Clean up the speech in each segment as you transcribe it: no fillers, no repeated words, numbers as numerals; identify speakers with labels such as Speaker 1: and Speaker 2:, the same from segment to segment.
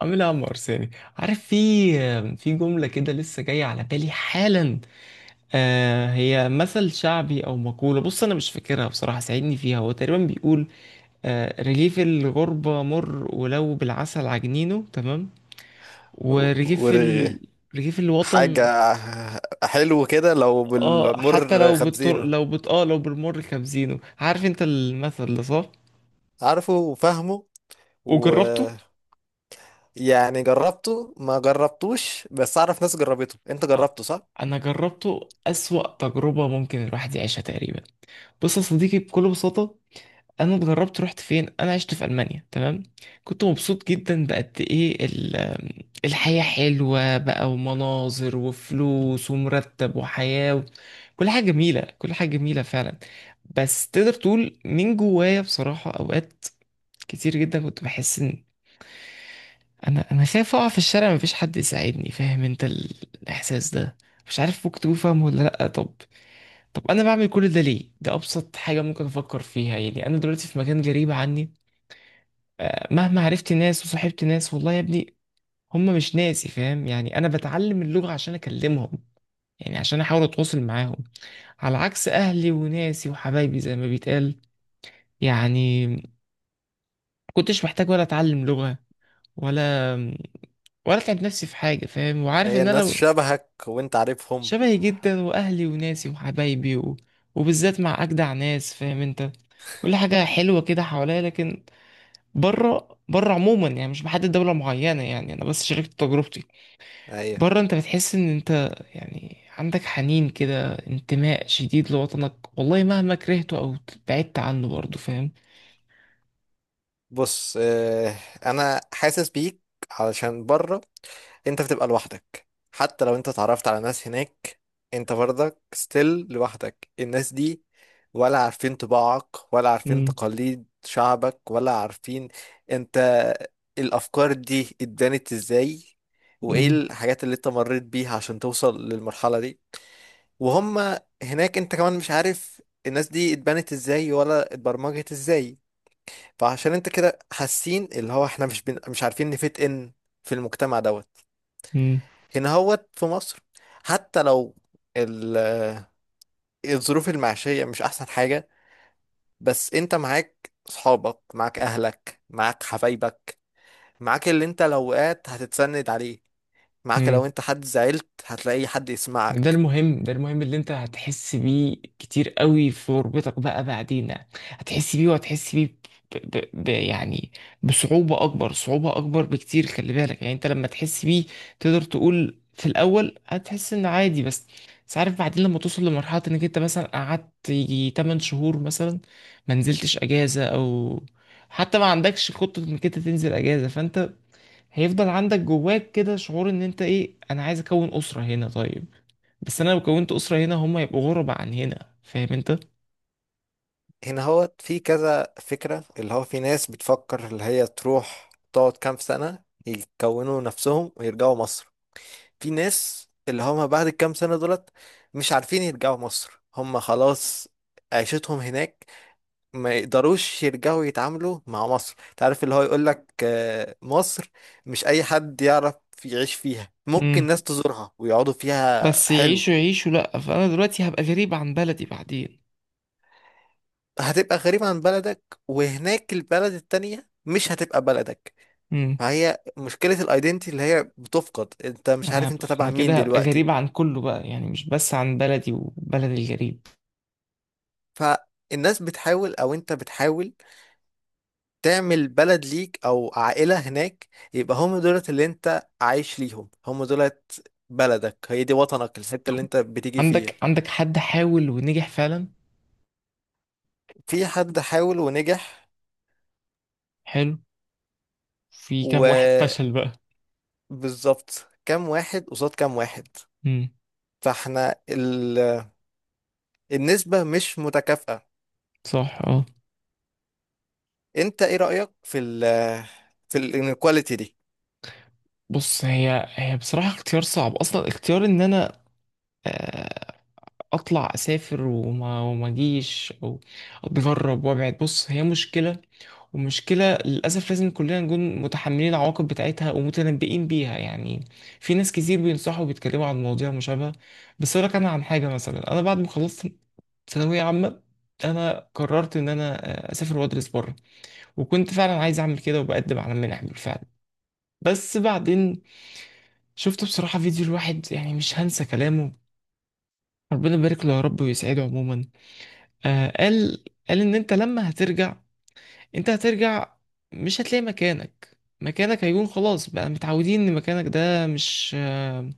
Speaker 1: عاملها يا عم ارساني. عارف، في جمله كده لسه جايه على بالي حالا. آه، هي مثل شعبي او مقوله. بص، انا مش فاكرها بصراحه، ساعدني فيها. هو تقريبا بيقول: آه، رغيف الغربه مر ولو بالعسل عجنينه. تمام. ورغيف
Speaker 2: ورغي
Speaker 1: ال... رغيف
Speaker 2: حاجة
Speaker 1: الوطن.
Speaker 2: حلو كده لو
Speaker 1: اه، حتى
Speaker 2: بالعمر
Speaker 1: لو بالطر
Speaker 2: خبزينه.
Speaker 1: لو بت... اه لو بالمر كابزينه. عارف انت المثل ده صح؟
Speaker 2: عارفه وفاهمه.
Speaker 1: وجربته.
Speaker 2: ويعني جربته ما جربتوش، بس أعرف ناس جربته، أنت
Speaker 1: ها،
Speaker 2: جربته صح؟
Speaker 1: انا جربته اسوأ تجربه ممكن الواحد يعيشها تقريبا. بص يا صديقي، بكل بساطة، انا اتغربت. رحت فين؟ انا عشت في المانيا. تمام. كنت مبسوط جدا بقد ايه الحياه حلوه بقى، ومناظر، وفلوس، ومرتب، وحياه و... كل حاجه جميله، كل حاجه جميله فعلا. بس تقدر تقول من جوايا بصراحه، اوقات كتير جدا كنت بحس ان انا خايف اقع في الشارع، مفيش حد يساعدني. فاهم انت الاحساس ده؟ مش عارف، ممكن تكون فاهمه ولا لا. طب، انا بعمل كل ده ليه؟ ده ابسط حاجه ممكن افكر فيها يعني، انا دلوقتي في مكان غريب عني. آه، مهما عرفت ناس وصاحبت ناس، والله يا ابني هم مش ناسي. فاهم يعني؟ انا بتعلم اللغة عشان اكلمهم، يعني عشان احاول اتواصل معاهم، على عكس اهلي وناسي وحبايبي زي ما بيتقال. يعني، كنتش محتاج ولا اتعلم لغة ولا ولا اتعب نفسي في حاجة. فاهم وعارف
Speaker 2: هي
Speaker 1: ان انا
Speaker 2: الناس شبهك وأنت عارفهم.
Speaker 1: شبهي جدا، واهلي وناسي وحبايبي و... وبالذات مع اجدع ناس. فاهم انت. كل حاجة حلوة كده حواليا، لكن بره، بره عموما يعني، مش بحدد دولة معينة يعني، انا بس شاركت تجربتي.
Speaker 2: أيوه.
Speaker 1: بره انت بتحس ان انت، يعني، عندك حنين كده، انتماء شديد لوطنك، والله مهما كرهته او بعدت عنه برضه. فاهم.
Speaker 2: بص آه، انا حاسس بيك، علشان بره انت بتبقى لوحدك. حتى لو انت اتعرفت على ناس هناك، انت برضك ستيل لوحدك. الناس دي ولا عارفين طباعك ولا عارفين
Speaker 1: مم.
Speaker 2: تقاليد شعبك ولا عارفين، انت الافكار دي اتبنت ازاي، وايه
Speaker 1: مم.
Speaker 2: الحاجات اللي انت مريت بيها عشان توصل للمرحلة دي. وهم هناك انت كمان مش عارف الناس دي اتبنت ازاي ولا اتبرمجت ازاي. فعشان انت كده حاسين اللي هو احنا مش عارفين نفيت ان في المجتمع دوت
Speaker 1: مم.
Speaker 2: هنا هوت في مصر، حتى لو ال... الظروف المعيشية مش احسن حاجة، بس انت معاك صحابك، معاك اهلك، معاك حبايبك، معاك اللي انت لو وقعت هتتسند عليه، معاك لو
Speaker 1: مم.
Speaker 2: انت حد زعلت هتلاقي حد
Speaker 1: ده
Speaker 2: يسمعك.
Speaker 1: المهم، ده المهم اللي انت هتحس بيه كتير قوي في غربتك بقى بعدين. هتحس بيه وهتحس بيه ب... يعني، بصعوبة أكبر، صعوبة أكبر بكتير. خلي بالك يعني انت لما تحس بيه، تقدر تقول في الأول هتحس إن عادي، بس عارف بعدين لما توصل لمرحلة إنك انت مثلا قعدت يجي 8 شهور مثلا، ما نزلتش أجازة أو حتى ما عندكش خطة إنك انت تنزل أجازة، فانت هيفضل عندك جواك كده شعور إن انت إيه. أنا عايز أكون أسرة هنا. طيب، بس انا لو كونت اسره هنا هم يبقوا غربة عن هنا. فاهم انت.
Speaker 2: هنا هوت في كذا فكرة، اللي هو في ناس بتفكر اللي هي تروح تقعد كام سنة يكونوا نفسهم ويرجعوا مصر. في ناس اللي هم بعد الكام سنة دولت مش عارفين يرجعوا مصر، هم خلاص عيشتهم هناك، ما يقدروش يرجعوا يتعاملوا مع مصر. تعرف اللي هو يقولك آه، مصر مش أي حد يعرف يعيش فيها، ممكن
Speaker 1: امم
Speaker 2: ناس تزورها ويقعدوا فيها
Speaker 1: بس
Speaker 2: حلو.
Speaker 1: يعيشوا يعيشوا لأ، فأنا دلوقتي هبقى غريب عن بلدي بعدين.
Speaker 2: هتبقى غريب عن بلدك وهناك البلد التانية مش هتبقى بلدك.
Speaker 1: امم
Speaker 2: فهي مشكلة الايدنتي اللي هي بتفقد، انت مش
Speaker 1: انا
Speaker 2: عارف انت
Speaker 1: هبقى
Speaker 2: تبع
Speaker 1: انا
Speaker 2: مين
Speaker 1: كده هبقى
Speaker 2: دلوقتي.
Speaker 1: غريب عن كله بقى يعني، مش بس عن بلدي وبلد الغريب.
Speaker 2: فالناس بتحاول او انت بتحاول تعمل بلد ليك او عائلة هناك، يبقى هم دولت اللي انت عايش ليهم، هم دولت بلدك، هي دي وطنك الحتة اللي انت بتيجي فيها.
Speaker 1: عندك حد حاول ونجح فعلا؟
Speaker 2: في حد حاول ونجح.
Speaker 1: حلو. في كام واحد
Speaker 2: وبالظبط،
Speaker 1: فشل بقى؟
Speaker 2: كام واحد قصاد كام واحد.
Speaker 1: امم،
Speaker 2: فاحنا النسبة مش متكافئة.
Speaker 1: صح، اه.
Speaker 2: انت ايه رأيك في في الانيكواليتي دي؟
Speaker 1: بص، هي بصراحة اختيار صعب أصلا، اختيار إن أنا اطلع اسافر وما اجيش، او اتغرب وابعد. بص، هي مشكله، ومشكله للاسف لازم كلنا نكون متحملين العواقب بتاعتها ومتنبئين بيها يعني. في ناس كتير بينصحوا وبيتكلموا عن مواضيع مشابهه. بس اقول لك، انا عن حاجه مثلا، انا بعد ما خلصت ثانويه عامه، انا قررت ان انا اسافر وادرس بره. وكنت فعلا عايز اعمل كده، وبقدم على منح بالفعل، بس بعدين شفت بصراحة فيديو، الواحد يعني مش هنسى كلامه. ربنا يبارك له يا رب ويسعده عموما. آه، قال ان انت لما هترجع، انت هترجع مش هتلاقي مكانك. مكانك هيكون خلاص، بقى متعودين ان مكانك ده مش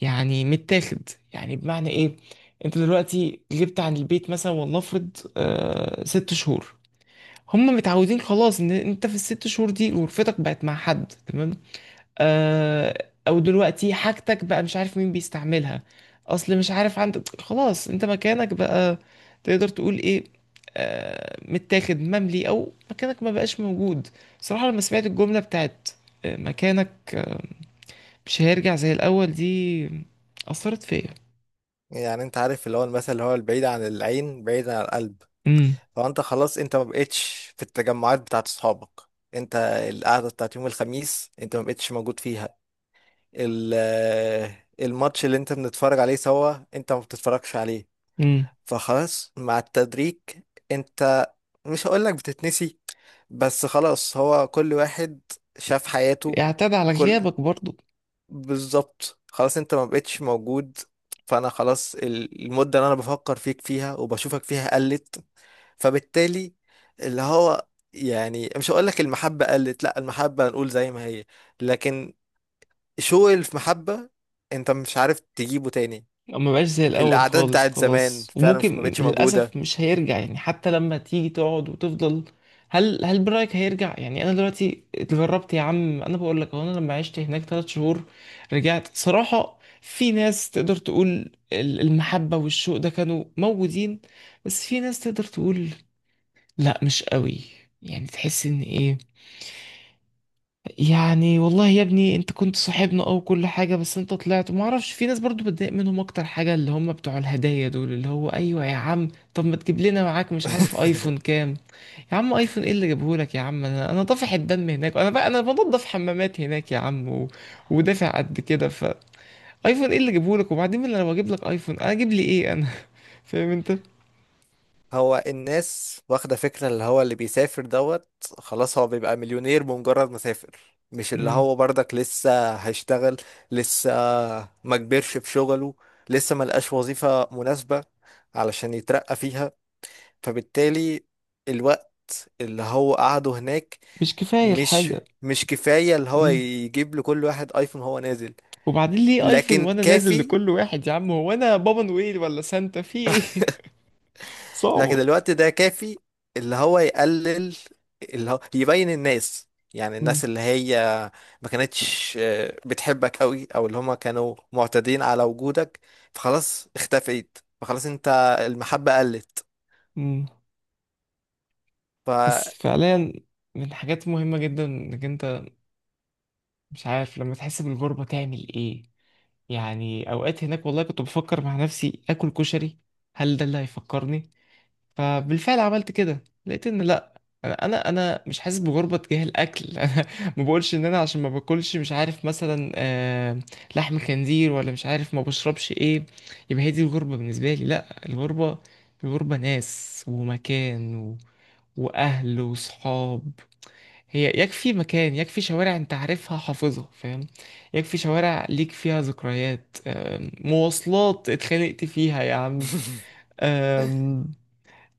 Speaker 1: يعني متاخد يعني. بمعنى ايه؟ انت دلوقتي غبت عن البيت مثلا، ولنفرض 6 شهور. هم متعودين خلاص ان انت في ال 6 شهور دي غرفتك بقت مع حد. تمام. آه، او دلوقتي حاجتك بقى مش عارف مين بيستعملها. اصل مش عارف، عندك خلاص انت مكانك بقى تقدر تقول ايه؟ متاخد مملي، او مكانك ما بقاش موجود. صراحة لما سمعت الجملة بتاعت مكانك، مش هيرجع زي الاول دي، اثرت فيا.
Speaker 2: يعني انت عارف اللي هو المثل اللي هو البعيد عن العين بعيد عن القلب.
Speaker 1: امم.
Speaker 2: هو انت خلاص، انت ما بقتش في التجمعات بتاعت اصحابك. انت القعده بتاعت يوم الخميس انت ما بقتش موجود فيها. الماتش اللي انت بنتفرج عليه سوا انت ما بتتفرجش عليه.
Speaker 1: امم.
Speaker 2: فخلاص مع التدريج، انت مش هقولك بتتنسي، بس خلاص هو كل واحد شاف حياته.
Speaker 1: اعتاد على
Speaker 2: كل
Speaker 1: غيابك برضو.
Speaker 2: بالظبط، خلاص انت ما بقتش موجود. فانا خلاص المدة اللي انا بفكر فيك فيها وبشوفك فيها قلت. فبالتالي اللي هو، يعني مش هقول لك المحبة قلت، لا المحبة نقول زي ما هي، لكن شوق المحبة انت مش عارف تجيبه تاني.
Speaker 1: ما بقاش زي الاول
Speaker 2: الأعداد
Speaker 1: خالص،
Speaker 2: بتاعت زمان
Speaker 1: خلاص.
Speaker 2: فعلا مش، ما
Speaker 1: وممكن
Speaker 2: بقتش موجودة.
Speaker 1: للاسف مش هيرجع يعني، حتى لما تيجي تقعد وتفضل. هل برايك هيرجع؟ يعني انا دلوقتي اتغربت يا عم، انا بقول لك اهو، انا لما عشت هناك 3 شهور، رجعت صراحه. في ناس تقدر تقول المحبه والشوق ده كانوا موجودين، بس في ناس تقدر تقول لا، مش قوي. يعني تحس ان ايه يعني، والله يا ابني انت كنت صاحبنا او كل حاجة، بس انت طلعت ما اعرفش. في ناس برضو بتضايق منهم اكتر حاجة اللي هم بتوع الهدايا دول، اللي هو ايوه يا عم، طب ما تجيب لنا معاك مش عارف ايفون كام؟ يا عم ايفون ايه اللي جابه لك يا عم؟ انا طافح الدم هناك، انا بقى انا بنضف حمامات هناك يا عم و... ودافع قد كده. فايفون ايه اللي جابه لك؟ وبعدين انا لو اجيب لك ايفون، انا اجيب لي ايه انا؟ فاهم انت.
Speaker 2: هو الناس واخدة فكرة اللي هو اللي بيسافر دوت، خلاص هو بيبقى مليونير بمجرد ما سافر، مش اللي
Speaker 1: مم.
Speaker 2: هو برضك لسه هيشتغل، لسه ما كبرش في شغله، لسه ما لقاش وظيفة مناسبة علشان يترقى فيها. فبالتالي الوقت اللي هو قعده هناك
Speaker 1: مش كفاية
Speaker 2: مش
Speaker 1: الحاجة.
Speaker 2: مش كفاية اللي هو
Speaker 1: مم.
Speaker 2: يجيب لكل واحد ايفون هو نازل.
Speaker 1: وبعدين ليه ايفون
Speaker 2: لكن
Speaker 1: وانا نازل
Speaker 2: كافي،
Speaker 1: لكل واحد يا عم؟ هو انا بابا نويل ولا سانتا في ايه؟
Speaker 2: لكن
Speaker 1: صعبة.
Speaker 2: الوقت ده كافي اللي هو يقلل، اللي هو يبين الناس، يعني
Speaker 1: مم.
Speaker 2: الناس اللي هي ما كانتش بتحبك قوي او اللي هما كانوا معتادين على وجودك، فخلاص اختفيت، فخلاص انت المحبة قلت.
Speaker 1: مم.
Speaker 2: ف
Speaker 1: بس فعليا، من حاجات مهمة جدا انك انت مش عارف لما تحس بالغربة تعمل ايه. يعني اوقات هناك والله كنت بفكر مع نفسي اكل كشري، هل ده اللي هيفكرني؟ فبالفعل عملت كده، لقيت ان لا، انا انا أنا مش حاسس بغربه تجاه الاكل. انا ما بقولش ان انا عشان ما باكلش مش عارف مثلا لحم خنزير، ولا مش عارف ما بشربش ايه. يبقى هي دي الغربه بالنسبه لي. لا، الغربه، الغربه ناس ومكان و... واهل وصحاب. هي يكفي مكان، يكفي شوارع انت عارفها حافظها، فاهم. يكفي شوارع ليك فيها ذكريات، مواصلات اتخانقت فيها يا عم.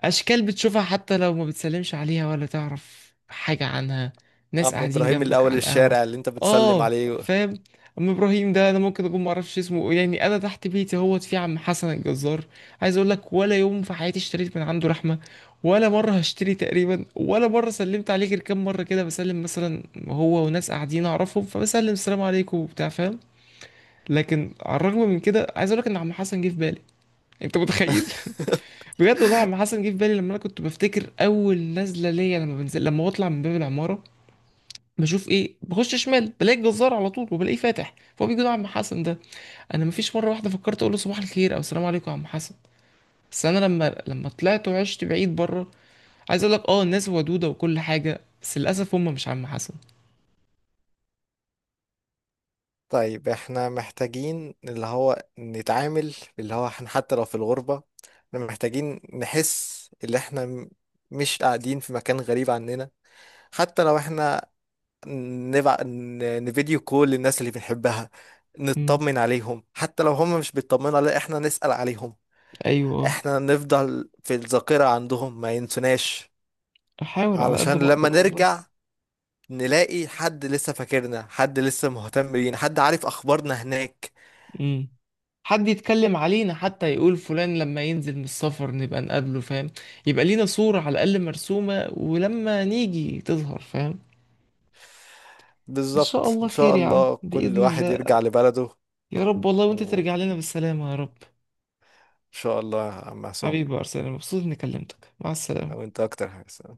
Speaker 1: أشكال بتشوفها، حتى لو ما بتسلمش عليها ولا تعرف حاجة عنها. ناس
Speaker 2: عم
Speaker 1: قاعدين
Speaker 2: ابراهيم
Speaker 1: جنبك
Speaker 2: الاول
Speaker 1: على القهوة.
Speaker 2: الشارع اللي انت بتسلم
Speaker 1: آه،
Speaker 2: عليه.
Speaker 1: فاهم. أم إبراهيم ده أنا ممكن أكون معرفش اسمه يعني. أنا تحت بيتي اهوت في عم حسن الجزار. عايز أقول لك، ولا يوم في حياتي اشتريت من عنده لحمة، ولا مرة هشتري تقريبا، ولا مرة سلمت عليه غير كام مرة كده، بسلم مثلا هو وناس قاعدين أعرفهم، فبسلم السلام عليكم وبتاع، فاهم. لكن على الرغم من كده، عايز أقول لك إن عم حسن جه في بالي. أنت متخيل؟ بجد والله عم حسن جه في بالي لما انا كنت بفتكر اول نزله ليا، لما بنزل، لما بطلع من باب العماره، بشوف ايه؟ بخش شمال بلاقي الجزار على طول، وبلاقيه فاتح، فهو بيجي له عم حسن ده. انا مفيش مره واحده فكرت اقول له صباح الخير او السلام عليكم يا عم حسن. بس انا لما طلعت وعشت بعيد بره، عايز اقول لك، اه، الناس ودوده وكل حاجه، بس للاسف هم مش عم حسن.
Speaker 2: طيب احنا محتاجين اللي هو نتعامل، اللي هو احنا حتى لو في الغربة، احنا محتاجين نحس اللي احنا مش قاعدين في مكان غريب عننا. حتى لو احنا نفيديو كول للناس اللي بنحبها،
Speaker 1: امم.
Speaker 2: نطمن عليهم، حتى لو هم مش بيطمنوا علينا احنا نسأل عليهم.
Speaker 1: ايوه. آه.
Speaker 2: احنا نفضل في الذاكرة عندهم ما ينسوناش،
Speaker 1: احاول على قد
Speaker 2: علشان
Speaker 1: ما
Speaker 2: لما
Speaker 1: اقدر والله.
Speaker 2: نرجع نلاقي حد لسه فاكرنا، حد لسه مهتم بينا، حد عارف اخبارنا هناك.
Speaker 1: امم حد يتكلم علينا حتى، يقول فلان لما ينزل من السفر نبقى نقابله، فاهم. يبقى لينا صورة على الأقل مرسومة، ولما نيجي تظهر، فاهم. إن شاء
Speaker 2: بالظبط،
Speaker 1: الله
Speaker 2: ان
Speaker 1: خير
Speaker 2: شاء
Speaker 1: يا عم،
Speaker 2: الله كل
Speaker 1: بإذن
Speaker 2: واحد
Speaker 1: الله.
Speaker 2: يرجع لبلده.
Speaker 1: يا رب والله، وأنت
Speaker 2: وان
Speaker 1: ترجع لنا بالسلامة يا رب.
Speaker 2: شاء الله يا عم عصام.
Speaker 1: حبيبي يا أرسنال، مبسوط إني كلمتك، مع السلامة.
Speaker 2: وانت اكتر حاجة.